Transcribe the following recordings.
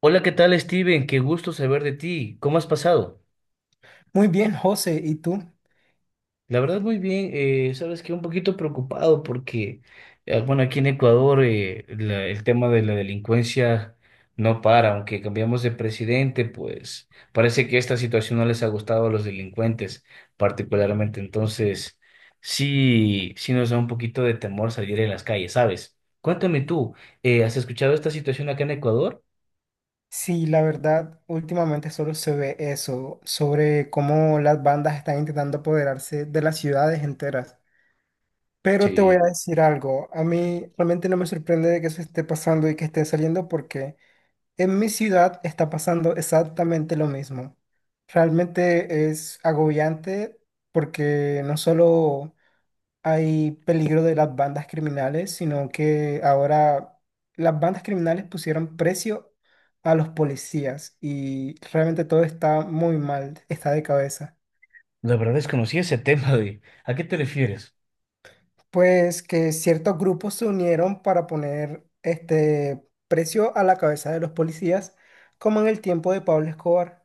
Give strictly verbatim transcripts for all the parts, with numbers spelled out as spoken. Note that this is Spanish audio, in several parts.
Hola, ¿qué tal, Steven? Qué gusto saber de ti. ¿Cómo has pasado? Muy bien, José, ¿y tú? La verdad, muy bien. Eh, sabes que un poquito preocupado porque, eh, bueno, aquí en Ecuador eh, la- el tema de la delincuencia no para. Aunque cambiamos de presidente, pues parece que esta situación no les ha gustado a los delincuentes particularmente. Entonces, sí, sí nos da un poquito de temor salir en las calles, ¿sabes? Cuéntame tú, eh, ¿has escuchado esta situación acá en Ecuador? Sí, la verdad, últimamente solo se ve eso, sobre cómo las bandas están intentando apoderarse de las ciudades enteras. Pero te voy a Sí, decir algo, a mí realmente no me sorprende de que eso esté pasando y que esté saliendo porque en mi ciudad está pasando exactamente lo mismo. Realmente es agobiante porque no solo hay peligro de las bandas criminales, sino que ahora las bandas criminales pusieron precio a los policías y realmente todo está muy mal, está de cabeza. la verdad desconocí ese tema de... ¿A qué te refieres? Pues que ciertos grupos se unieron para poner este precio a la cabeza de los policías, como en el tiempo de Pablo Escobar.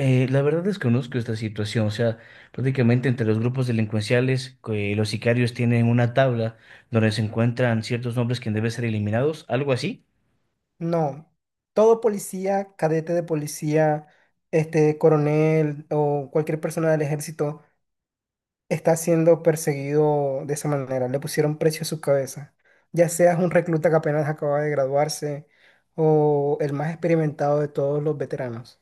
Eh, la verdad desconozco esta situación, o sea, prácticamente entre los grupos delincuenciales, que los sicarios tienen una tabla donde se encuentran ciertos nombres que deben ser eliminados, algo así. No, todo policía, cadete de policía, este coronel o cualquier persona del ejército está siendo perseguido de esa manera. Le pusieron precio a su cabeza. Ya seas un recluta que apenas acaba de graduarse o el más experimentado de todos los veteranos.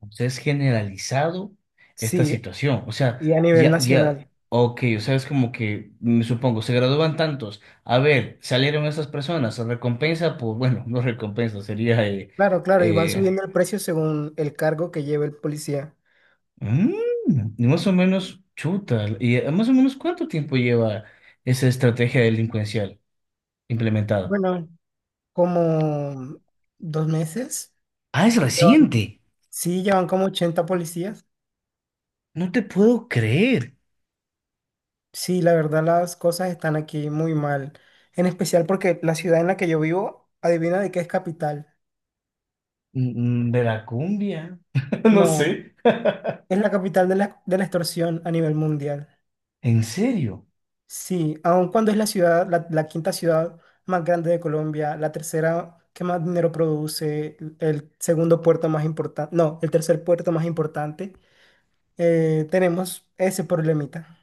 O sea, es generalizado esta Sí, situación, o sea, y a nivel ya, ya, nacional. ok, o sea, es como que, me supongo, se gradúan tantos, a ver, salieron esas personas, ¿se recompensa, pues bueno, no recompensa, sería? eh, Claro, claro, y van eh, subiendo el precio según el cargo que lleve el policía. Mm, y más o menos, chuta. ¿Y eh, más o menos cuánto tiempo lleva esa estrategia delincuencial implementada? Bueno, como dos meses. Ah, es Llevan- reciente. Sí, llevan como ochenta policías. No te puedo creer. Sí, la verdad las cosas están aquí muy mal. En especial porque la ciudad en la que yo vivo, adivina de qué es capital. Mm, mm, Veracumbia. No No, sé. es la capital de la, de la extorsión a nivel mundial. ¿En serio? Sí, aun cuando es la ciudad, la, la quinta ciudad más grande de Colombia, la tercera que más dinero produce, el segundo puerto más importante, no, el tercer puerto más importante, eh, tenemos ese problemita.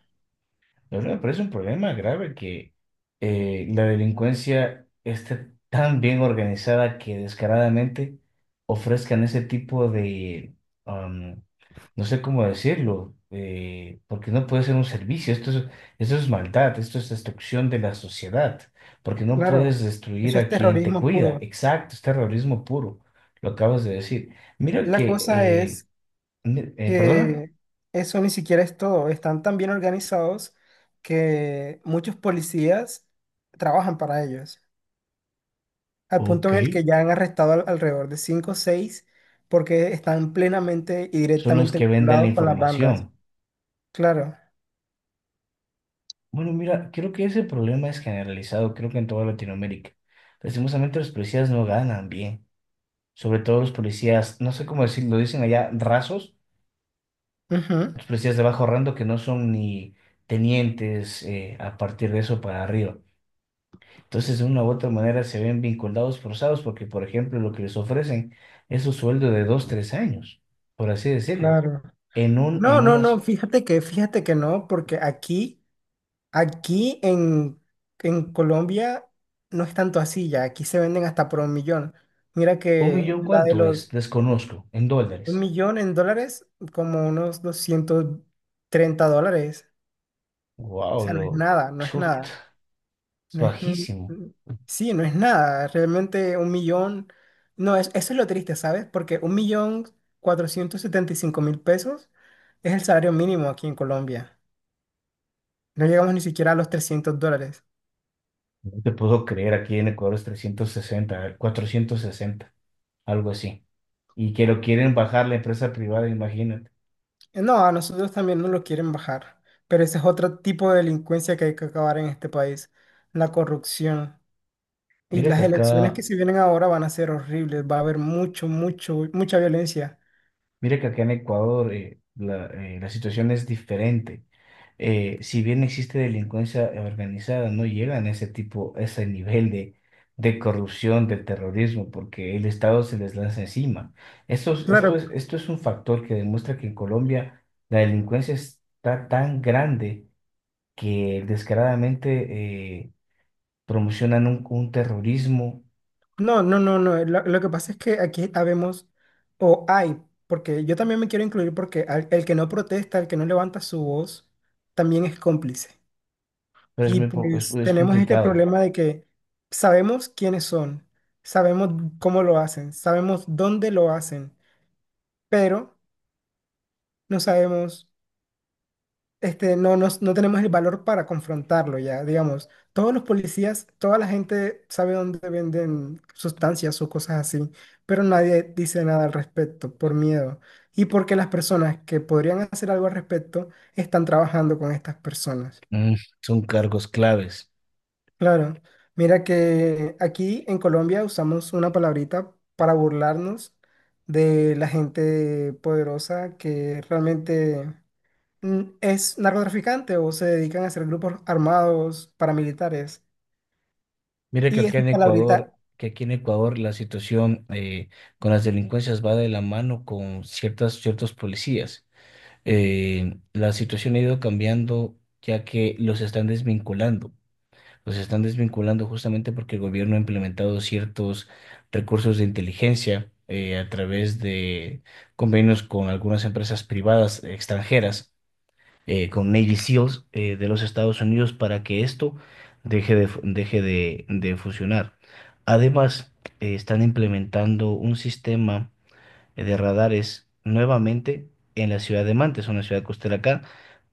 La verdad me parece un problema grave que eh, la delincuencia esté tan bien organizada que descaradamente ofrezcan ese tipo de, am, no sé cómo decirlo, eh, porque no puede ser un servicio, esto es, esto es, maldad, esto es destrucción de la sociedad, porque no Claro, puedes destruir eso es a quien te terrorismo cuida, puro. exacto, es terrorismo puro, lo acabas de decir. Mira La que, cosa eh, es mi- eh, perdona, que eso ni siquiera es todo. Están tan bien organizados que muchos policías trabajan para ellos. Al punto ok, en el que ya han arrestado al- alrededor de cinco o seis porque están plenamente y son los directamente que vendan la vinculados con las bandas. información. Claro, Bueno, mira, creo que ese problema es generalizado, creo que en toda Latinoamérica. Lastimosamente los policías no ganan bien, sobre todo los policías, no sé cómo decirlo, dicen allá rasos, ujú, los policías de bajo rango que no son ni tenientes eh, a partir de eso para arriba. Entonces, de una u otra manera se ven vinculados, forzados, porque, por ejemplo, lo que les ofrecen es un sueldo de dos o tres años, por así decirlo. claro. En un, No, en no, no, unas, fíjate que, fíjate que no, porque aquí, aquí en, en Colombia no es tanto así ya, aquí se venden hasta por un millón. Mira un que millón, la de ¿cuánto es? los Desconozco, en un dólares. millón en dólares, como unos doscientos treinta dólares, o Wow, sea, no es lo nada, no es chuta. nada. Es No es, un- bajísimo. un- sí, no es nada. Realmente un millón. No, es, eso es lo triste, ¿sabes? Porque un millón cuatrocientos setenta y cinco mil pesos es el salario mínimo aquí en Colombia. No llegamos ni siquiera a los trescientos dólares. No te puedo creer, aquí en Ecuador es trescientos sesenta cuatrocientos sesenta algo así. Y que lo quieren bajar la empresa privada, imagínate. Eh, No, a nosotros también nos lo quieren bajar. Pero ese es otro tipo de delincuencia que hay que acabar en este país: la corrupción. Y Mira que las acá, elecciones que se vienen ahora van a ser horribles. Va a haber mucho, mucho, mucha violencia. mira que acá en Ecuador eh, la, eh, la situación es diferente. Eh, si bien existe delincuencia organizada, no llegan a ese tipo, a ese nivel de, de, corrupción, del terrorismo, porque el Estado se les lanza encima. Esto, es- esto Claro, es, esto es un factor que demuestra que en Colombia la delincuencia está tan grande que descaradamente eh, promocionan un, un, terrorismo, no, no, no, no. Lo, lo que pasa es que aquí habemos, o hay, porque yo también me quiero incluir porque al- el que no protesta, el que no levanta su voz, también es cómplice. pero es Y muy, po- es, pues es tenemos este complicado. problema de que sabemos quiénes son, sabemos cómo lo hacen, sabemos dónde lo hacen, pero no sabemos este, no, nos- No tenemos el valor para confrontarlo ya, digamos. Todos los policías, toda la gente sabe dónde venden sustancias o cosas así, pero nadie dice nada al respecto por miedo y porque las personas que podrían hacer algo al respecto están trabajando con estas personas. Mm, son cargos claves. Claro, mira que aquí en Colombia usamos una palabrita para burlarnos de la gente poderosa que realmente mm, es narcotraficante o se dedican a hacer grupos armados paramilitares. Mira que Y acá esa en Ecuador, palabrita, que aquí en Ecuador la situación eh, con las delincuencias va de la mano con ciertas, ciertos policías. Eh, la situación ha ido cambiando ya que los están desvinculando. Los están desvinculando justamente porque el gobierno ha implementado ciertos recursos de inteligencia eh, a través de convenios con algunas empresas privadas extranjeras, eh, con Navy SEALs eh, de los Estados Unidos para que esto deje de, fu- deje de, de funcionar. Además, eh, están implementando un sistema de radares nuevamente en la ciudad de Mantes, una ciudad costera acá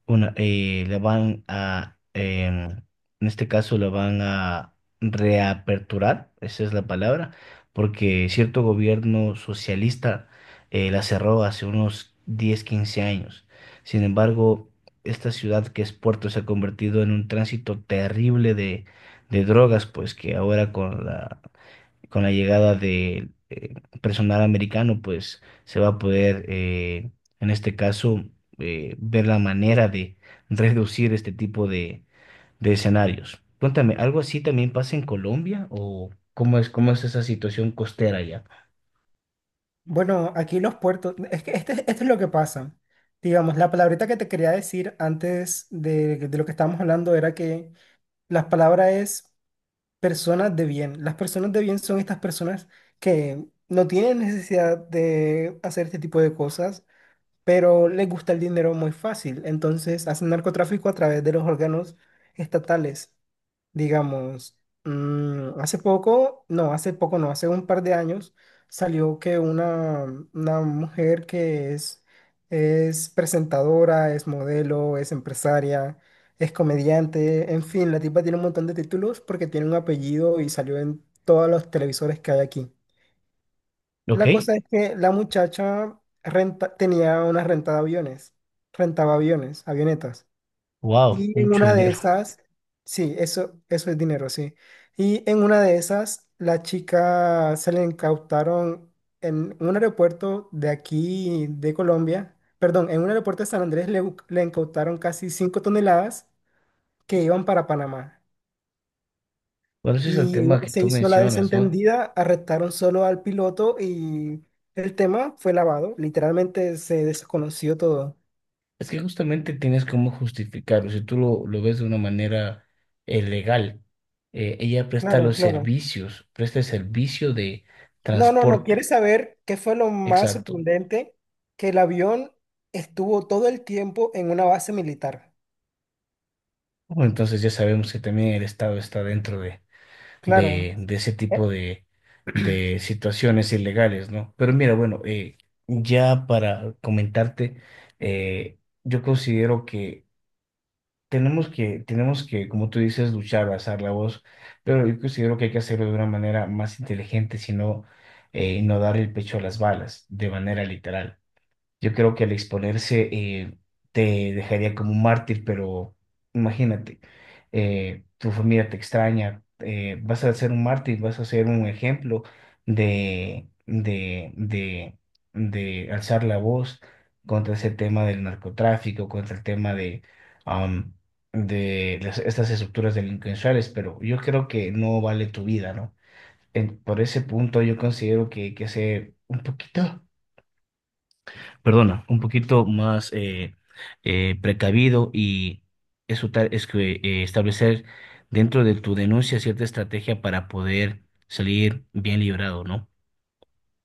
una, eh, le van a, em, en este caso, le van a reaperturar, esa es la palabra, porque cierto gobierno socialista eh, la cerró hace unos diez o quince años. Sin embargo, esta ciudad que es Puerto se ha convertido en un tránsito terrible de, de, drogas, pues que ahora con la con la llegada del eh, personal americano, pues se va a poder, eh, en este caso, eh, ver la manera de reducir este tipo de, de, escenarios. Cuéntame, ¿algo así también pasa en Colombia o cómo es, cómo es esa situación costera allá? bueno, aquí los puertos, es que este, esto es lo que pasa. Digamos, la palabrita que te quería decir antes de, de lo que estábamos hablando era que la palabra es personas de bien. Las personas de bien son estas personas que no tienen necesidad de hacer este tipo de cosas pero les gusta el dinero muy fácil. Entonces hacen narcotráfico a través de los órganos estatales. Digamos, mm, hace poco, no, hace poco, no, hace un par de años salió que una, una mujer que es, es presentadora, es modelo, es empresaria, es comediante, en fin, la tipa tiene un montón de títulos porque tiene un apellido y salió en todos los televisores que hay aquí. Ok, La cosa es que la muchacha renta, tenía una renta de aviones, rentaba aviones, avionetas. wow, Y en mucho una de dinero. esas, sí, eso, eso es dinero, sí. Y en una de esas, la chica se le incautaron en un aeropuerto de aquí, de Colombia, perdón, en un aeropuerto de San Andrés le, bu- le incautaron casi cinco toneladas que iban para Panamá. Bueno, ese es el Y ella tema que se tú hizo la mencionas, ¿no? desentendida, arrestaron solo al piloto y el tema fue lavado. Literalmente se desconoció todo. Es que justamente tienes cómo justificarlo. Si tú lo, lo, ves de una manera eh, legal, eh, ella presta Claro, los claro. servicios, presta el servicio de No, no, no. transporte. ¿Quieres saber qué fue lo más Exacto. sorprendente? Que el avión estuvo todo el tiempo en una base militar. Bueno, entonces ya sabemos que también el Estado está dentro de, Claro. de, de ese tipo de, de situaciones ilegales, ¿no? Pero mira, bueno, eh, ya para comentarte, eh, yo considero que Tenemos que, tenemos que, como tú dices, luchar, alzar la voz, pero yo considero que hay que hacerlo de una manera más inteligente, sino eh, no dar el pecho a las balas, de manera literal. Yo creo que al exponerse eh, te dejaría como un mártir, pero imagínate, eh, tu familia te extraña, eh, vas a ser un mártir, vas a ser un ejemplo de, de, de, de alzar la voz contra ese tema del narcotráfico, contra el tema de, am, de las- estas estructuras delincuenciales, pero yo creo que no vale tu vida, ¿no? En- por ese punto yo considero que hay que ser un poquito, perdona, un poquito más eh, eh, precavido y eso tal es que eh, establecer dentro de tu denuncia cierta estrategia para poder salir bien librado, ¿no?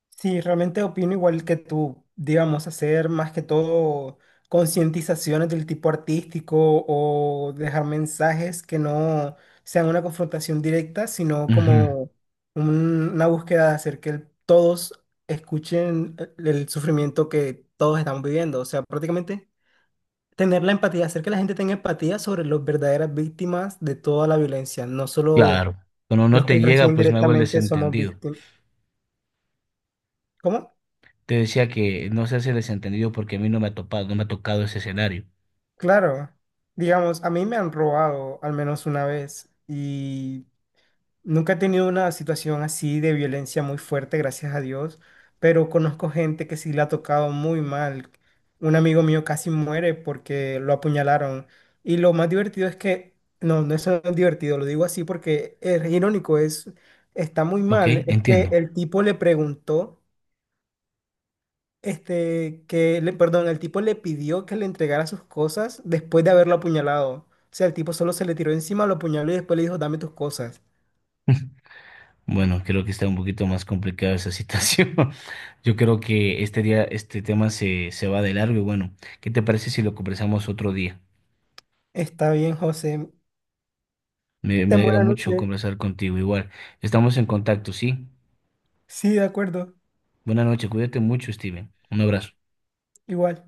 Sí, realmente opino igual que tú, digamos, hacer más que todo concientizaciones del tipo artístico o dejar mensajes que no sean una confrontación directa, sino Ujú, como un- una búsqueda de hacer que el- todos escuchen el, el sufrimiento que todos estamos viviendo. O sea, prácticamente tener la empatía, hacer que la gente tenga empatía sobre las verdaderas víctimas de toda la violencia, no solo claro, cuando no los te que llega, reciben pues me hago el directamente somos desentendido. víctimas. ¿Cómo? Te decía que no se hace desentendido porque a mí no me ha topado, no me ha tocado ese escenario. Claro, digamos, a mí me han robado al menos una vez y nunca he tenido una situación así de violencia muy fuerte, gracias a Dios, pero conozco gente que sí le ha tocado muy mal. Un amigo mío casi muere porque lo apuñalaron y lo más divertido es que, no, no es tan divertido, lo digo así porque es irónico, es, está muy Ok, mal, es que entiendo. el tipo le preguntó. Este, que le, perdón, el tipo le pidió que le entregara sus cosas después de haberlo apuñalado. O sea, el tipo solo se le tiró encima, lo apuñaló y después le dijo, dame tus cosas. Bueno, creo que está un poquito más complicada esa situación. Yo creo que este día, este tema se, se, va de largo y bueno, ¿qué te parece si lo conversamos otro día? Está bien, José. Me, me Ten alegra buena mucho noche. conversar contigo. Igual, estamos en contacto, ¿sí? Sí, de acuerdo. Buenas noches, cuídate mucho, Steven. Un abrazo. Igual.